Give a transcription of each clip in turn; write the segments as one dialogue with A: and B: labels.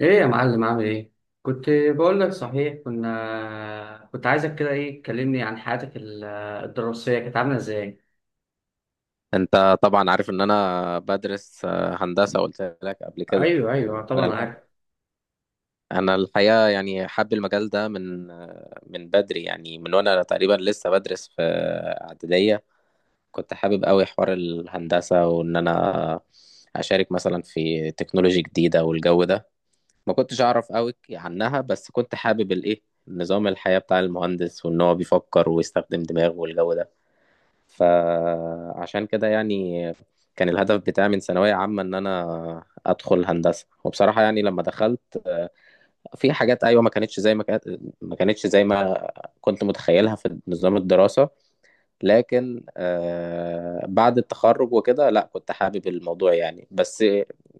A: ايه يا معلم عامل ايه؟ كنت بقول لك صحيح، كنت عايزك كده، ايه تكلمني عن حياتك الدراسيه كانت عامله ازاي؟
B: انت طبعا عارف ان انا بدرس هندسه، قلت لك قبل كده.
A: ايوه ايوه
B: انا
A: طبعا
B: الح...
A: عارف.
B: انا الحقيقه يعني حابب المجال ده من من بدري، يعني من وانا تقريبا لسه بدرس في اعداديه. كنت حابب قوي حوار الهندسه وان انا اشارك مثلا في تكنولوجي جديده والجو ده. ما كنتش اعرف قوي عنها، بس كنت حابب الايه، نظام الحياه بتاع المهندس وان هو بيفكر ويستخدم دماغه والجو ده. فعشان كده يعني كان الهدف بتاعي من ثانوية عامة إن أنا أدخل هندسة. وبصراحة يعني لما دخلت في حاجات أيوة ما كانتش زي ما كانت، ما كانتش زي ما كنت متخيلها في نظام الدراسة. لكن بعد التخرج وكده، لا كنت حابب الموضوع يعني، بس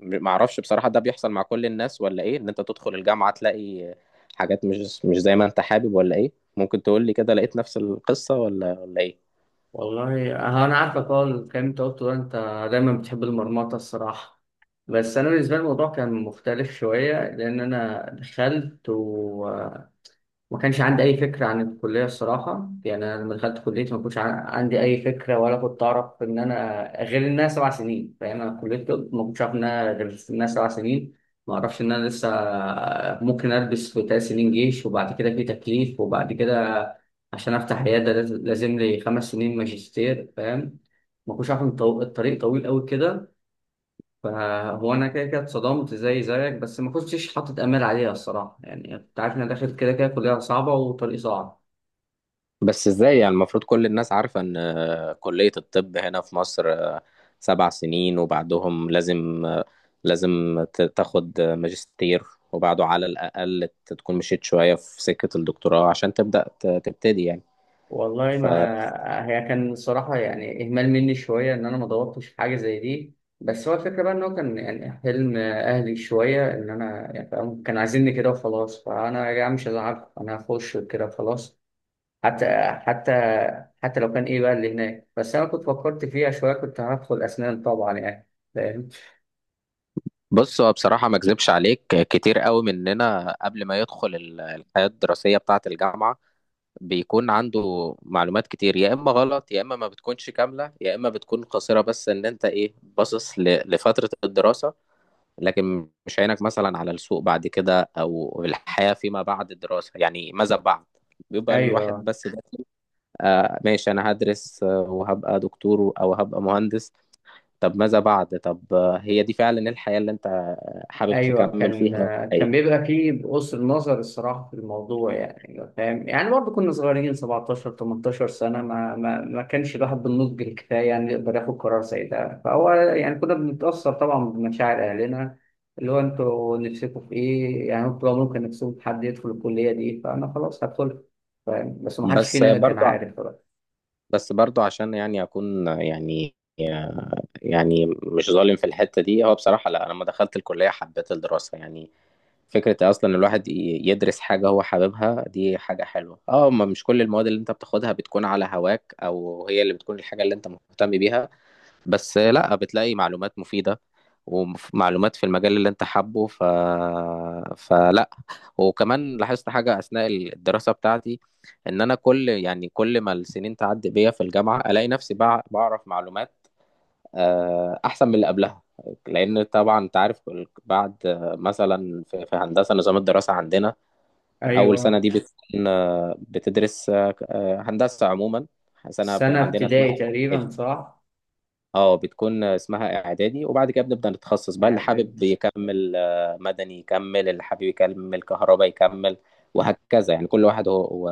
B: معرفش بصراحة، ده بيحصل مع كل الناس ولا إيه؟ إن أنت تدخل الجامعة تلاقي حاجات مش زي ما أنت حابب ولا إيه؟ ممكن تقول لي كده، لقيت نفس القصة ولا إيه؟
A: والله انا عارفك. اه الكلام اللي انت قلته ده، انت دايما بتحب المرمطه الصراحه. بس انا بالنسبه لي الموضوع كان مختلف شويه، لان انا دخلت ما كانش عندي أي فكرة عن الكلية الصراحة. يعني أنا لما دخلت كليتي ما كنتش عن- عندي أي فكرة، ولا كنت أعرف إن أنا غير إنها 7 سنين. فاهم؟ أنا كلية طب ما كنتش عارف إنها غير إنها 7 سنين. ما أعرفش إن أنا لسه ممكن ألبس في 3 سنين جيش، وبعد كده في تكليف، وبعد كده عشان أفتح عيادة لازم لي 5 سنين ماجستير. فاهم؟ ما كنتش عارف إن الطريق طويل أوي كده. فهو انا كده كده اتصدمت زي زيك، بس ما كنتش حاطط امال عليها الصراحه. يعني كنت عارف ان انا داخل كده كده كليه صعبه وطريق صعب.
B: بس ازاي؟ يعني المفروض كل الناس عارفة ان كلية الطب هنا في مصر 7 سنين، وبعدهم لازم، لازم تاخد ماجستير، وبعده على الأقل تكون مشيت شوية في سكة الدكتوراه عشان تبتدي يعني.
A: والله
B: فبص،
A: ما هي كان الصراحه يعني اهمال مني شويه ان انا ما دورتش في حاجه زي دي. بس هو الفكره بقى ان هو كان يعني حلم اهلي شويه ان انا، يعني فاهم، كان عايزيني كده وخلاص. فانا يا جماعه مش هزعل، انا هخش كده وخلاص. حتى حتى حتى لو كان ايه بقى اللي هناك. بس انا كنت فكرت فيها شويه، كنت هدخل اسنان طبعا يعني. فاهم؟
B: هو بصراحة ما اكذبش عليك، كتير قوي مننا قبل ما يدخل الحياة الدراسية بتاعة الجامعة بيكون عنده معلومات كتير، يا إما غلط، يا إما ما بتكونش كاملة، يا إما بتكون قصيرة، بس إن أنت إيه باصص لفترة الدراسة، لكن مش عينك مثلا على السوق بعد كده او الحياة فيما بعد الدراسة، يعني ماذا بعد؟ بيبقى الواحد
A: ايوه
B: بس ده آه ماشي انا هدرس، وهبقى دكتور او هبقى مهندس. طب ماذا بعد؟ طب هي دي فعلا الحياة اللي انت حابب
A: ايوه
B: تكمل
A: كان
B: فيها،
A: كان
B: أي.
A: بيبقى فيه بقصر نظر الصراحه في الموضوع يعني. فاهم؟ يعني برضه كنا صغيرين 17 18 سنه، ما كانش الواحد بالنضج الكفايه يعني يقدر ياخد قرار زي ده. فهو يعني كنا بنتاثر طبعا بمشاعر اهلنا، اللي هو انتوا نفسكم في ايه، يعني انتوا لو ممكن نفسكم في حد يدخل الكليه دي فانا خلاص هدخل. فاهم؟ بس ما حدش
B: بس
A: فينا كان
B: برضو
A: عارف بقى.
B: بس برضو عشان يعني اكون يعني، يعني مش ظالم في الحتة دي. هو بصراحة لا، انا لما دخلت الكلية حبيت الدراسة يعني. فكرة أصلا الواحد يدرس حاجة هو حاببها، دي حاجة حلوة. اه، ما مش كل المواد اللي انت بتاخدها بتكون على هواك أو هي اللي بتكون الحاجة اللي انت مهتم بيها. بس لا، بتلاقي معلومات مفيدة ومعلومات في المجال اللي انت حابه. فلا. وكمان لاحظت حاجة أثناء الدراسة بتاعتي، إن أنا كل ما السنين تعدي بيا في الجامعة ألاقي نفسي بعرف معلومات احسن من اللي قبلها. لان طبعا انت عارف، بعد مثلا في هندسه نظام الدراسه عندنا، اول سنه
A: ايوه،
B: دي بتكون بتدرس هندسه عموما.
A: سنه
B: عندنا اسمها
A: ابتدائي تقريبا
B: إعدادي.
A: صح؟
B: اه، بتكون اسمها اعدادي وبعد كده بنبدا نتخصص بقى. اللي
A: يعني
B: حابب يكمل مدني يكمل، اللي حابب يكمل كهرباء يكمل، وهكذا، يعني كل واحد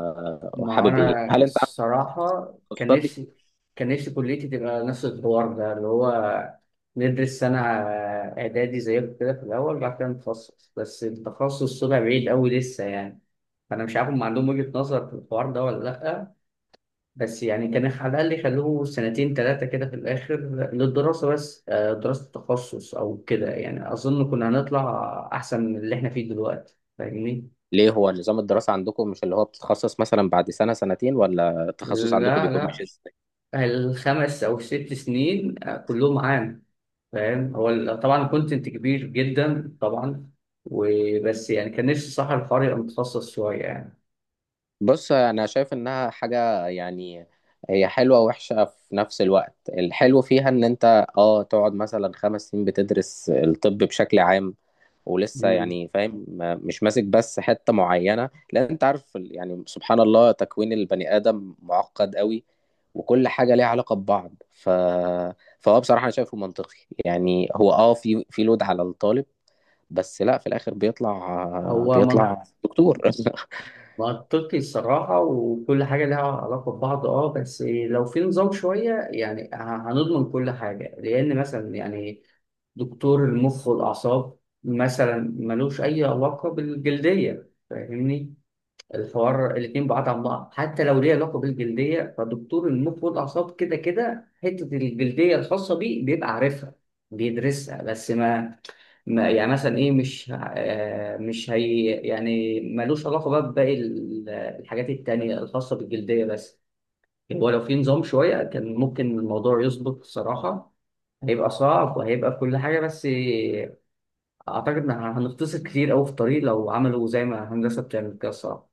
B: هو
A: ما هو
B: حابب ايه.
A: انا
B: هل انت عندك
A: الصراحه كان
B: تخصصات؟
A: نفسي، كان نفسي كليتي تبقى نفس الحوار ده اللي هو ندرس سنه اعدادي زيكم كده في الاول، بعد كده نتخصص. بس التخصص طلع بعيد قوي لسه يعني. فانا مش عارف هم عندهم وجهه نظر في الحوار ده ولا لا. بس يعني كان على الاقل يخلوه سنتين 3 كده في الاخر للدراسه بس دراسه التخصص او كده يعني. اظن كنا هنطلع احسن من اللي احنا فيه دلوقتي. فاهمني؟
B: ليه هو نظام الدراسة عندكم مش اللي هو بتتخصص مثلا بعد سنة سنتين، ولا التخصص عندكم
A: لا
B: بيكون
A: لا،
B: ماشي؟
A: ال5 او ال6 سنين كلهم عام. فاهم؟ طبعا كونتنت كبير جدا طبعا. وبس يعني كان نفسي صح الحوار يبقى متخصص شويه يعني.
B: بص، انا شايف انها حاجه يعني هي حلوه ووحشه في نفس الوقت. الحلو فيها ان انت، اه، تقعد مثلا 5 سنين بتدرس الطب بشكل عام، ولسه
A: مم.
B: يعني فاهم، مش ماسك بس حته معينه، لان انت عارف يعني سبحان الله تكوين البني ادم معقد قوي. وكل حاجه ليها علاقه ببعض. فهو بصراحه انا شايفه منطقي. يعني هو، اه، في لود على الطالب، بس لا، في الاخر بيطلع
A: هو من-
B: بيطلع دكتور.
A: منطقي الصراحه، وكل حاجه لها علاقه ببعض اه. بس لو في نظام شويه يعني هنضمن كل حاجه. لان مثلا يعني دكتور المخ والاعصاب مثلا ملوش اي علاقه بالجلديه. فاهمني؟ الحوار الاتنين بعاد عن بعض، حتى لو ليه علاقة بالجلدية فدكتور المخ والأعصاب كده كده حتة الجلدية الخاصة بيه بيبقى عارفها بيدرسها. بس ما, ما يعني مثلا إيه، مش هي يعني ملوش علاقة بقى بباقي الحاجات التانية الخاصة بالجلدية بس. يعني هو لو في نظام شوية كان ممكن الموضوع يظبط الصراحة. هيبقى صعب وهيبقى كل حاجة، بس أعتقد إن هنختصر كتير أوي في الطريق لو عملوا زي ما هندسة بتعمل كده الصراحة.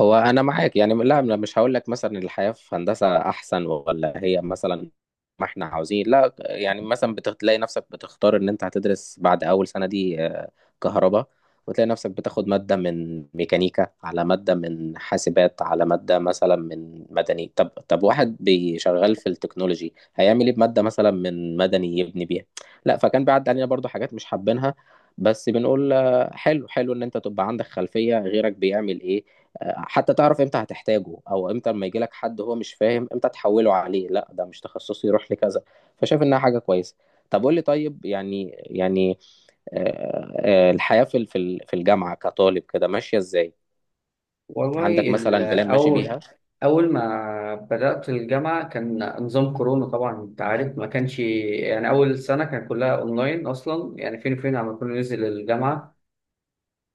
B: هو انا معاك يعني، لا أنا مش هقول لك مثلا الحياه في هندسه احسن ولا هي مثلا ما احنا عاوزين. لا يعني مثلا بتلاقي نفسك بتختار ان انت هتدرس بعد اول سنه دي كهرباء، وتلاقي نفسك بتاخد ماده من ميكانيكا، على ماده من حاسبات، على ماده مثلا من مدني. طب واحد بيشغل في التكنولوجي هيعمل ايه بماده مثلا من مدني؟ يبني بيها؟ لا، فكان بيعدي علينا برضو حاجات مش حابينها، بس بنقول حلو، حلو ان انت تبقى عندك خلفيه غيرك بيعمل ايه، حتى تعرف امتى هتحتاجه او امتى لما يجي لك حد هو مش فاهم امتى تحوله عليه، لا ده مش تخصصي يروح لكذا. فشايف انها حاجه كويسه. طب قول لي طيب، يعني الحياه في في الجامعه كطالب كده ماشيه ازاي؟ عندك مثلا بلان ماشي
A: أول
B: بيها؟
A: أول ما بدأت الجامعة كان نظام كورونا طبعا، أنت عارف. ما كانش يعني، أول سنة كان كلها أونلاين أصلا يعني، فين وفين على كنا ننزل الجامعة.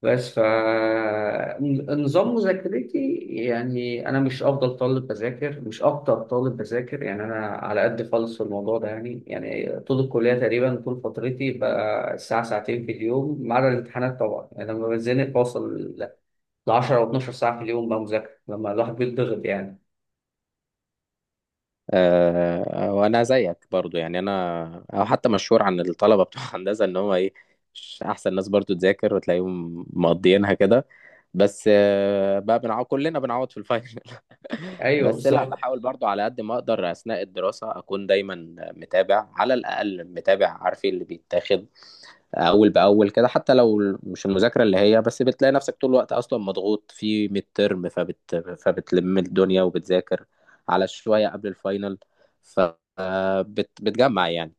A: بس فنظام مذاكرتي يعني أنا مش أفضل طالب بذاكر، مش أكتر طالب بذاكر يعني. أنا على قد خالص في الموضوع ده يعني. يعني طول الكلية تقريبا طول فترتي بقى ساعة ساعتين في اليوم، ما عدا الامتحانات طبعا يعني. لما بتزنق بوصل 10 او 12 ساعه في اليوم بقى مذاكره لما الواحد بيتضغط يعني.
B: وانا زيك برضو يعني، انا او حتى مشهور عن الطلبه بتوع هندسه ان هم ايه، مش احسن ناس برضو تذاكر، وتلاقيهم مقضيينها كده، بس بقى بنعوض، كلنا بنعوض في الفاينل.
A: ايوه
B: بس لا،
A: بالظبط.
B: بحاول برضو على قد ما اقدر اثناء الدراسه اكون دايما متابع، على الاقل متابع عارف إيه اللي بيتاخد اول باول كده، حتى لو مش المذاكره اللي هي، بس بتلاقي نفسك طول الوقت اصلا مضغوط في ميد ترم، فبتلم الدنيا وبتذاكر على شويه قبل الفاينل، فبتجمع يعني.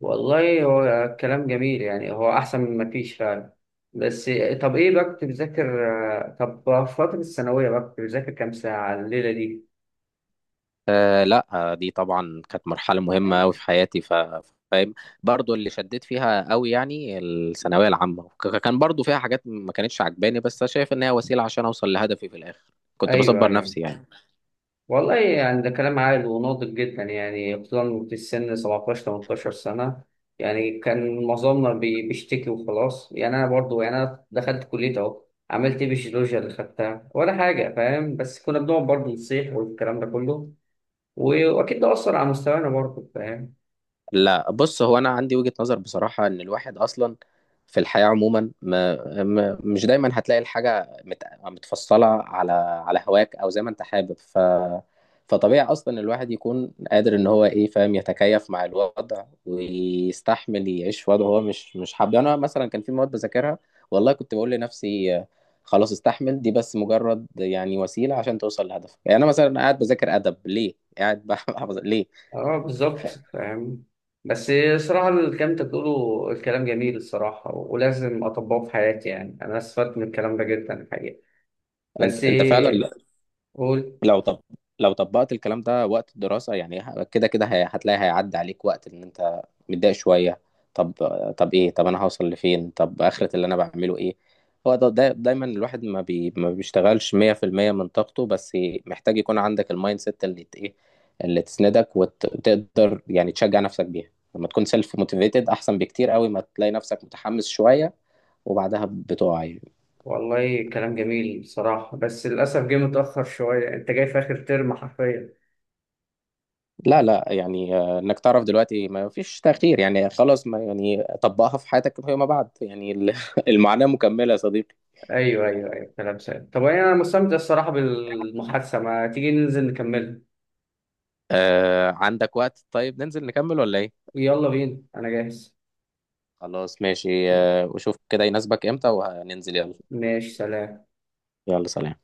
A: والله هو كلام جميل يعني، هو احسن من ما فيش فعلا. بس طب ايه بقى كنت بتذاكر طب في فتره الثانويه بقى كنت بتذاكر كام ساعه الليله دي؟
B: لا، دي طبعا كانت مرحله مهمه قوي في حياتي، فاهم. برضو اللي شديت فيها قوي يعني الثانويه العامه، كان برضو فيها حاجات ما كانتش عجباني، بس شايف ان هي وسيله عشان اوصل لهدفي في الاخر. كنت
A: ايوه
B: بصبر
A: ايوه.
B: نفسي يعني.
A: والله يعني ده كلام عاقل وناضج جدا يعني، خصوصا في السن 17 18 سنة. يعني كان معظمنا بيشتكي وخلاص يعني. أنا برضو يعني، أنا دخلت كلية أهو، عملت إيه بالجيولوجيا اللي خدتها ولا حاجة. فاهم؟ بس كنا بنقعد برضو نصيح والكلام ده كله، وأكيد ده أثر على مستوانا برضو. فاهم؟
B: لا، بص هو انا عندي وجهة نظر بصراحة، ان الواحد اصلا في الحياة عموما مش دايما هتلاقي الحاجة متفصلة على هواك او زي ما انت حابب. فطبيعي اصلا الواحد يكون قادر ان هو ايه، فاهم، يتكيف مع الوضع ويستحمل يعيش في وضع هو مش حابه. يعني انا مثلا كان في مواد بذاكرها، والله كنت بقول لنفسي خلاص استحمل دي، بس مجرد يعني وسيلة عشان توصل لهدفك. يعني انا مثلا قاعد بذاكر ادب ليه؟ قاعد بحفظ ليه؟
A: أه بالظبط. فاهم؟ بس صراحة الكلام أنت بتقوله الكلام جميل الصراحة، ولازم أطبقه في حياتي. يعني أنا استفدت من الكلام ده جدا الحقيقة.
B: انت
A: بس
B: انت فعلا،
A: قول.
B: لو طب لو طبقت الكلام ده وقت الدراسة، يعني كده كده هتلاقي هيعدي عليك وقت ان انت متضايق شوية. طب طب ايه، طب انا هوصل لفين، طب اخرة اللي انا بعمله ايه؟ هو ده دايما الواحد ما بيشتغلش 100% من طاقته، بس محتاج يكون عندك المايند سيت اللي ت- ايه اللي تسندك وتقدر يعني تشجع نفسك بيها. لما تكون سيلف موتيفيتد احسن بكتير قوي، ما تلاقي نفسك متحمس شوية وبعدها بتقع يعني.
A: والله كلام جميل بصراحة، بس للأسف جه متأخر شوية، أنت جاي في آخر ترم حرفيا.
B: لا لا يعني، انك تعرف دلوقتي ما فيش تأخير يعني، خلاص ما يعني طبقها في حياتك فيما بعد، يعني المعاناة مكملة يا صديقي.
A: أيوه أيوه أيوه كلام سهل. طب أنا مستمتع الصراحة بالمحادثة، ما تيجي ننزل نكملها؟
B: آه، عندك وقت؟ طيب ننزل نكمل ولا ايه؟
A: يلا بينا أنا جاهز.
B: خلاص ماشي، آه وشوف كده يناسبك امتى وهننزل، يلا.
A: ماشي، سلام.
B: يلا، سلام.